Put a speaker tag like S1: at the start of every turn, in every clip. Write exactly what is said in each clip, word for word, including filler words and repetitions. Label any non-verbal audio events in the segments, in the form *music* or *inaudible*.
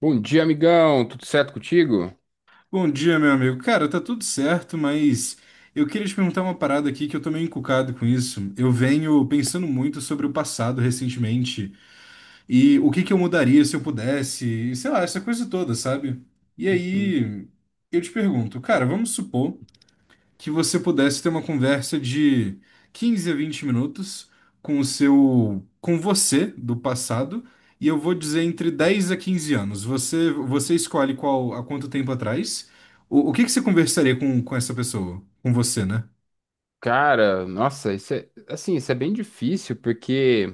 S1: Bom dia, amigão. Tudo certo contigo?
S2: Bom dia, meu amigo. Cara, tá tudo certo, mas eu queria te perguntar uma parada aqui que eu tô meio encucado com isso. Eu venho pensando muito sobre o passado recentemente e o que que eu mudaria se eu pudesse, e sei lá, essa coisa toda, sabe? E
S1: Uhum.
S2: aí, eu te pergunto, cara, vamos supor que você pudesse ter uma conversa de quinze a vinte minutos com o seu, com você do passado, e eu vou dizer entre dez a quinze anos. Você, você escolhe qual, há quanto tempo atrás. O, o que que você conversaria com, com essa pessoa? Com você, né?
S1: Cara, nossa, isso é assim, isso é bem difícil, porque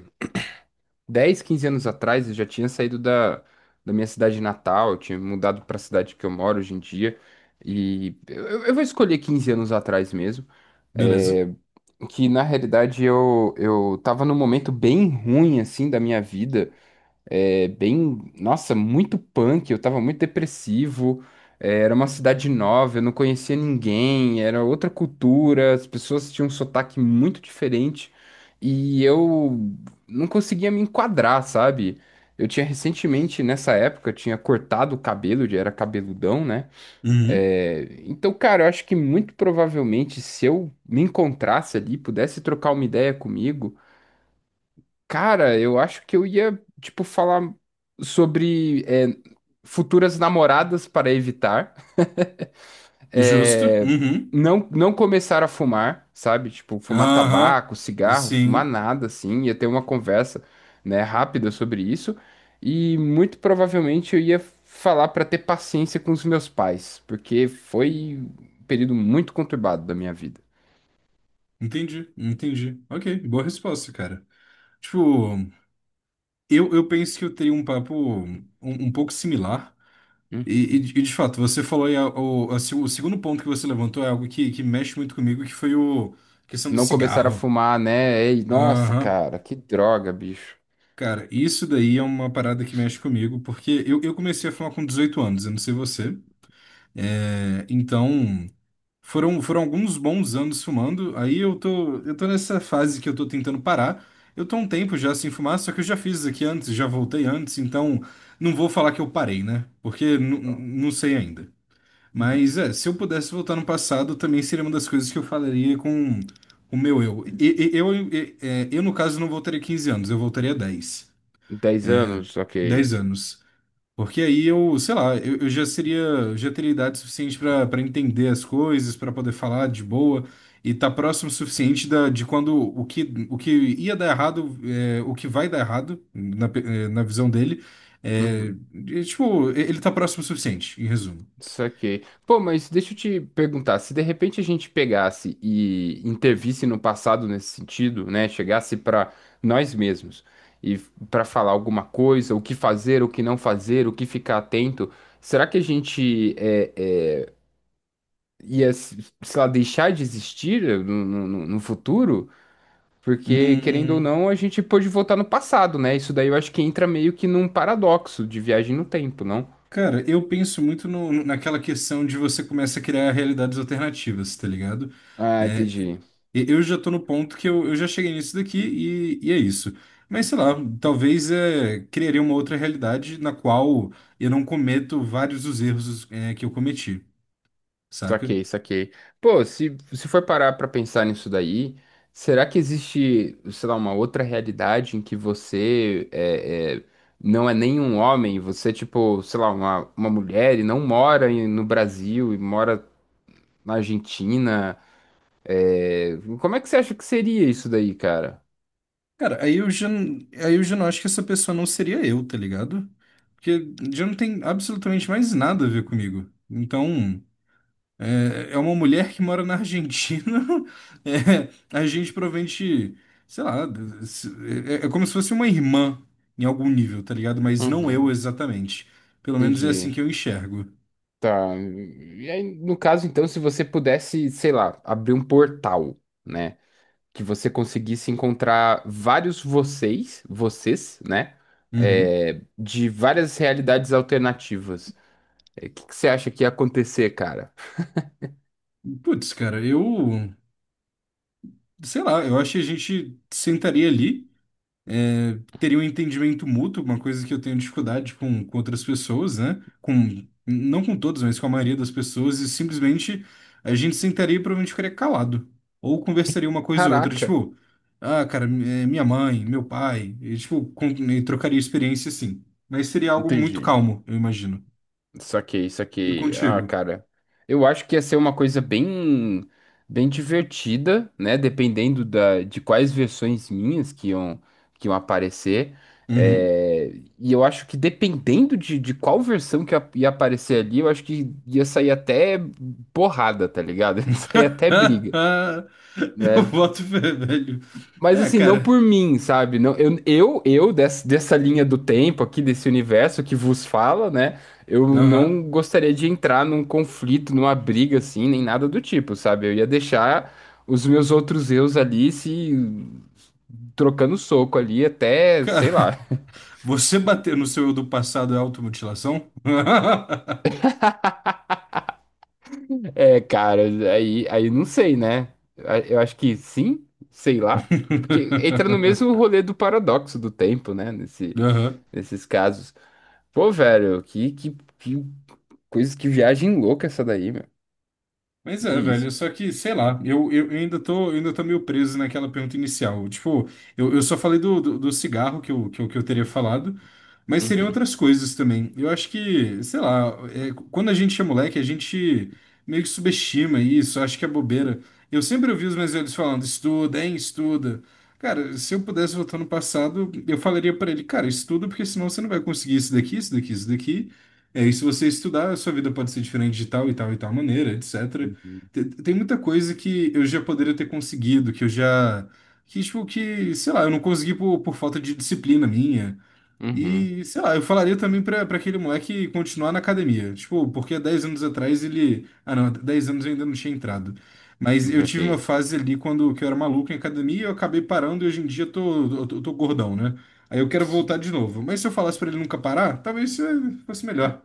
S1: dez, quinze anos atrás eu já tinha saído da, da minha cidade natal, eu tinha mudado para a cidade que eu moro hoje em dia. E eu, eu- eu vou escolher quinze anos atrás mesmo.
S2: Beleza.
S1: é, que na realidade eu, eu tava num momento bem ruim assim da minha vida. É, bem, nossa, muito punk, eu tava muito depressivo. É, era uma cidade nova, eu não conhecia ninguém, era outra cultura, as pessoas tinham um sotaque muito diferente e eu não conseguia me enquadrar, sabe? Eu tinha recentemente, nessa época, eu tinha cortado o cabelo, já era cabeludão, né?
S2: Uhum.
S1: É, então, cara, eu acho que muito provavelmente se eu me encontrasse ali, pudesse trocar uma ideia comigo. Cara, eu acho que eu ia, tipo, falar sobre é, futuras namoradas para evitar.
S2: Justo.
S1: É,
S2: Uhum.
S1: não, não começar a fumar, sabe? Tipo, fumar
S2: Aham.
S1: tabaco, cigarro, fumar
S2: Sim.
S1: nada, assim. Ia ter uma conversa, né, rápida sobre isso. E muito provavelmente eu ia falar para ter paciência com os meus pais, porque foi um período muito conturbado da minha vida.
S2: Entendi. Entendi. Ok. Boa resposta, cara. Tipo, eu, eu penso que eu teria um papo um um pouco similar.
S1: Uhum.
S2: E, e de e de fato, você falou aí, a- o, a se- o segundo ponto que você levantou é algo que, que mexe muito comigo, que foi o a questão do
S1: Não começar a
S2: cigarro.
S1: fumar, né? Ei, nossa,
S2: Aham.
S1: cara, que droga, bicho.
S2: Cara, isso daí é uma parada que mexe comigo, porque eu, eu comecei a fumar com dezoito anos, eu não sei você. É, então, foram, foram alguns bons anos fumando, aí eu tô, eu tô nessa fase que eu tô tentando parar. Eu tô há um tempo já sem fumar, só que eu já fiz isso aqui antes, já voltei antes, então não vou falar que eu parei, né? Porque nu- nu- não sei ainda. Mas é, se eu pudesse voltar no passado, também seria uma das coisas que eu falaria com o meu eu. E- e- Eu, e- é, eu, no caso, não voltaria quinze anos, eu voltaria dez
S1: Dez anos, ok.
S2: dez anos. Porque aí eu, sei lá, eu, eu já seria, já teria idade suficiente para para entender as coisas, para poder falar de boa e tá próximo o suficiente da, de quando o que, o que ia dar errado, é, o que vai dar errado, na, pe- é, na visão dele, é,
S1: Uhum,
S2: e, tipo, ele tá próximo o suficiente, em resumo.
S1: saquei. Pô, mas deixa eu te perguntar, se de repente a gente pegasse e intervisse no passado nesse sentido, né? Chegasse para nós mesmos e para falar alguma coisa, o que fazer, o que não fazer, o que ficar atento, será que a gente é, é, ia, se- sei lá, deixar de existir eh, no, no no- no futuro? Porque, querendo ou
S2: Hum.
S1: não, a gente pôde voltar no passado, né? Isso daí eu acho que entra meio que num paradoxo de viagem no tempo, não?
S2: Cara, eu penso muito no- no- naquela questão de você começa a criar realidades alternativas, tá ligado?
S1: Ah,
S2: É,
S1: entendi.
S2: e- eu já tô no ponto que eu, eu já cheguei nisso daqui e, e é isso. Mas sei lá, talvez é, criaria uma outra realidade na qual eu não cometo vários dos erros é, que eu cometi, saca?
S1: Saquei, saquei. Pô, se, se for parar pra pensar nisso daí, será que existe, sei lá, uma outra realidade em que você é, é, não é nem um homem, você é tipo, sei lá, uma, uma mulher e não mora em- no Brasil e mora na Argentina? É, como é que você acha que seria isso daí, cara?
S2: Cara, aí eu já, n- aí eu já não acho que essa pessoa não seria eu, tá ligado? Porque já não tem absolutamente mais nada a ver comigo. Então. É, é uma mulher que mora na Argentina. *laughs* É, a gente provavelmente, sei lá, d- se- é, é como se fosse uma irmã em algum nível, tá ligado? Mas não eu
S1: Uhum.
S2: exatamente. Pelo menos é assim
S1: Entendi.
S2: que eu enxergo.
S1: Tá. E aí, no caso, então, se você pudesse, sei lá, abrir um portal, né? Que você conseguisse encontrar vários vocês, vocês, né?
S2: Uhum.
S1: É, de várias realidades alternativas. É, O que que você acha que ia acontecer, cara?
S2: Putz, cara, eu, sei lá, eu acho que a gente sentaria ali. É, teria um entendimento mútuo, uma coisa que eu tenho dificuldade com, com outras pessoas, né? Com, não com todos, mas com a maioria das pessoas, e simplesmente a gente sentaria e provavelmente ficaria calado. Ou conversaria uma coisa ou outra,
S1: Caraca!
S2: tipo, ah, cara, mi- eh, minha mãe, meu pai, e, tipo, com- e trocaria experiência assim. Mas seria algo muito
S1: Entendi.
S2: calmo, eu imagino.
S1: Saquei,
S2: E
S1: saquei. Ah,
S2: contigo?
S1: cara, eu acho que ia ser uma coisa bem, bem divertida, né? Dependendo da, de quais versões minhas que iam, que iam aparecer.
S2: Uhum.
S1: É, e eu acho que dependendo de, de qual versão que ia ia aparecer ali, eu acho que ia sair até porrada, tá ligado? *laughs* Ia sair até briga,
S2: *laughs* Eu
S1: né?
S2: boto fé, *laughs* velho.
S1: Mas
S2: É,
S1: assim, não
S2: cara.
S1: por mim, sabe? Não, eu, eu, eu dessa, dessa linha do tempo aqui, desse universo que vos fala, né? Eu
S2: Aham.
S1: não gostaria de entrar num conflito, numa briga assim, nem nada do tipo, sabe? Eu ia deixar os meus outros eus ali se trocando soco ali até,
S2: Cara.
S1: sei lá. *laughs*
S2: Você bater no seu eu do passado é automutilação?
S1: É, cara, aí, aí não sei, né? A- Eu acho que sim, sei lá. Porque entra no mesmo
S2: *laughs*
S1: rolê do paradoxo do tempo, né? Nesse,
S2: Aham.
S1: nesses casos. Pô, velho, que, que, que coisas que viagem louca essa daí, meu.
S2: Mas é,
S1: É isso.
S2: velho, só que, sei lá, eu, eu eu ainda tô, eu ainda tô meio preso naquela pergunta inicial. Tipo, eu, eu só falei do, do, do cigarro que eu, que eu, que eu teria falado, mas seriam
S1: Uhum,
S2: outras coisas também. Eu acho que, sei lá, é, quando a gente é moleque, a gente meio que subestima isso, acho que é bobeira. Eu sempre ouvi os meus velhos falando, estuda, hein, estuda. Cara, se eu pudesse voltar no passado, eu falaria pra ele, cara, estuda, porque senão você não vai conseguir isso daqui, isso daqui, isso daqui. É, e se você estudar, a sua vida pode ser diferente de tal e tal e tal maneira, etcétera.
S1: uhum,
S2: Te- Tem muita coisa que eu já poderia ter conseguido, que eu já. Que, tipo, que, sei lá, eu não consegui por, por falta de disciplina minha.
S1: uhum,
S2: E, sei lá, eu falaria também pra, pra aquele moleque continuar na academia. Tipo, porque há dez anos atrás ele. Ah, não, há dez anos eu ainda não tinha entrado. Mas eu
S1: ok.
S2: tive uma fase ali quando que eu era maluco em academia, eu acabei parando e hoje em dia eu tô, eu tô, eu tô gordão, né? Aí eu quero
S1: Ps-
S2: voltar de novo. Mas se eu falasse pra ele nunca parar, talvez eh, fosse melhor.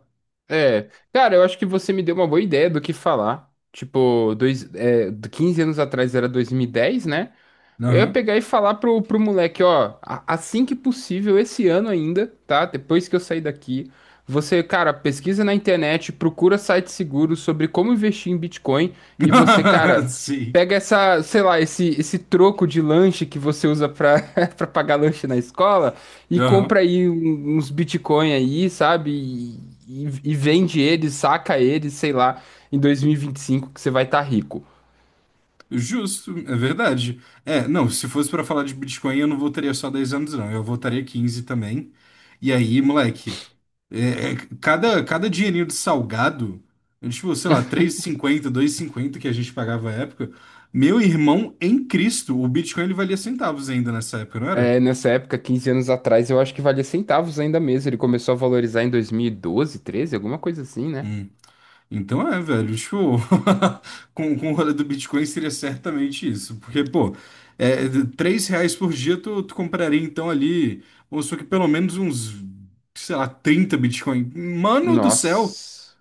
S1: É, Cara, eu acho que você me deu uma boa ideia do que falar. Tipo, dois, é, do quinze anos atrás era dois mil e dez, né? Eu ia
S2: Aham.
S1: pegar e falar pro, pro moleque, ó, a- assim que possível, esse ano ainda, tá? Depois que eu sair daqui, você, cara, pesquisa na internet, procura sites seguros sobre como investir em Bitcoin e você, cara,
S2: *laughs* Sim.
S1: pega essa, sei lá, esse, esse troco de lanche que você usa pra, *laughs* pra pagar lanche na escola e compra aí um- uns Bitcoin aí, sabe? E, e- e vende eles, saca eles, sei lá, em dois mil e vinte e cinco que você vai estar rico.
S2: Justo, é verdade. É, não, se fosse pra falar de Bitcoin, eu não votaria só dez anos, não. Eu votaria quinze também. E aí, moleque, é, é, cada, cada dinheirinho de salgado, é tipo, sei lá, três e cinquenta, cinquenta que a gente pagava à época, meu irmão em Cristo, o Bitcoin ele valia centavos ainda nessa época, não era?
S1: É, nessa época, quinze anos atrás, eu acho que valia centavos ainda mesmo. Ele começou a valorizar em dois mil e doze, treze, alguma coisa assim, né?
S2: Hum. Então é, velho, tipo, *laughs* com, com o rolê do Bitcoin seria certamente isso, porque, pô, é, de- três reais por dia tu, tu compraria então ali, vamos supor que pelo menos uns, sei lá, trinta Bitcoin. Mano do céu,
S1: Nossa.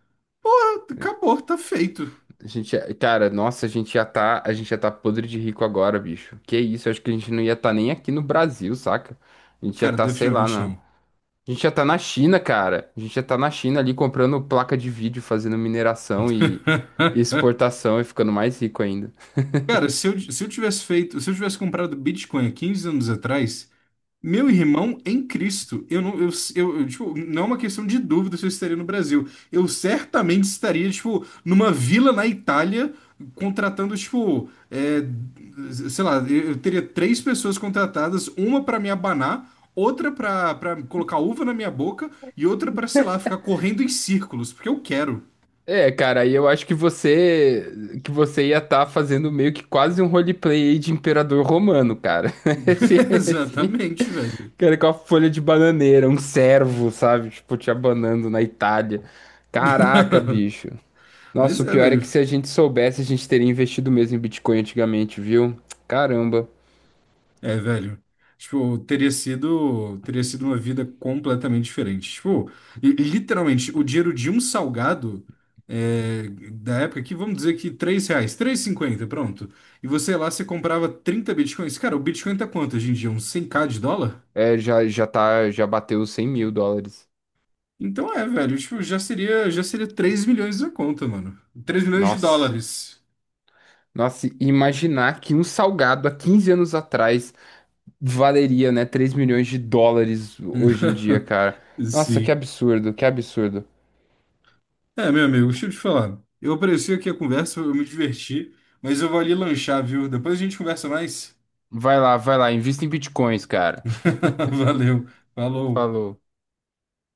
S2: acabou, tá feito.
S1: A gente, ia- cara, nossa, a gente ia tá, a gente ia tá podre de rico agora, bicho. Que isso, eu acho que a gente não ia tá nem aqui no Brasil, saca? A gente ia
S2: Cara,
S1: tá, sei lá,
S2: definitivamente
S1: na...
S2: não.
S1: a gente ia tá na China, cara. A gente ia tá na China ali comprando placa de vídeo, fazendo mineração e e
S2: *laughs*
S1: exportação e ficando mais rico ainda.
S2: Cara, se eu, se eu tivesse feito, se eu tivesse comprado Bitcoin há quinze anos atrás, meu irmão em Cristo, eu não, eu, eu, eu, tipo, não é uma questão de dúvida se eu estaria no Brasil. Eu certamente estaria, tipo, numa vila na Itália, contratando, tipo, é, sei lá, eu eu teria três pessoas contratadas, uma para me abanar, outra para para colocar uva na minha boca e outra para, sei lá, ficar correndo em círculos, porque eu quero.
S1: É, cara, aí eu acho que você que você ia estar fazendo meio que quase um roleplay aí de imperador romano, cara.
S2: *laughs*
S1: *laughs* Esse, esse, ni-
S2: Exatamente, velho.
S1: Cara com a folha de bananeira, um servo, sabe? Tipo, te abanando na Itália. Caraca, bicho. Nossa,
S2: Mas
S1: o
S2: é,
S1: pior é que
S2: velho,
S1: se a gente soubesse, a gente teria investido mesmo em Bitcoin antigamente, viu? Caramba.
S2: É, velho. Tipo, teria sido, teria sido uma vida completamente diferente. Tipo, e- e literalmente, o dinheiro de um salgado é, da época aqui, vamos dizer que três reais, três e cinquenta, pronto. E você lá, você comprava trinta bitcoins. Cara, o bitcoin tá quanto hoje em dia? Uns cem mil de dólar?
S1: É, já, já tá, já bateu os cem mil dólares.
S2: Então é, velho, tipo, já seria, já seria três milhões na conta, mano. Três milhões de
S1: Nossa.
S2: dólares.
S1: Nossa, e imaginar que um salgado há quinze anos atrás valeria, né, três milhões de dólares hoje em dia,
S2: *laughs*
S1: cara. Nossa, que
S2: Sim.
S1: absurdo, que absurdo.
S2: É, meu amigo, deixa eu te falar. Eu apareci aqui a conversa, eu me diverti, mas eu vou ali lanchar, viu? Depois a gente conversa mais.
S1: Vai lá, vai lá, invista em bitcoins, cara.
S2: *laughs* Valeu, falou.
S1: Falou.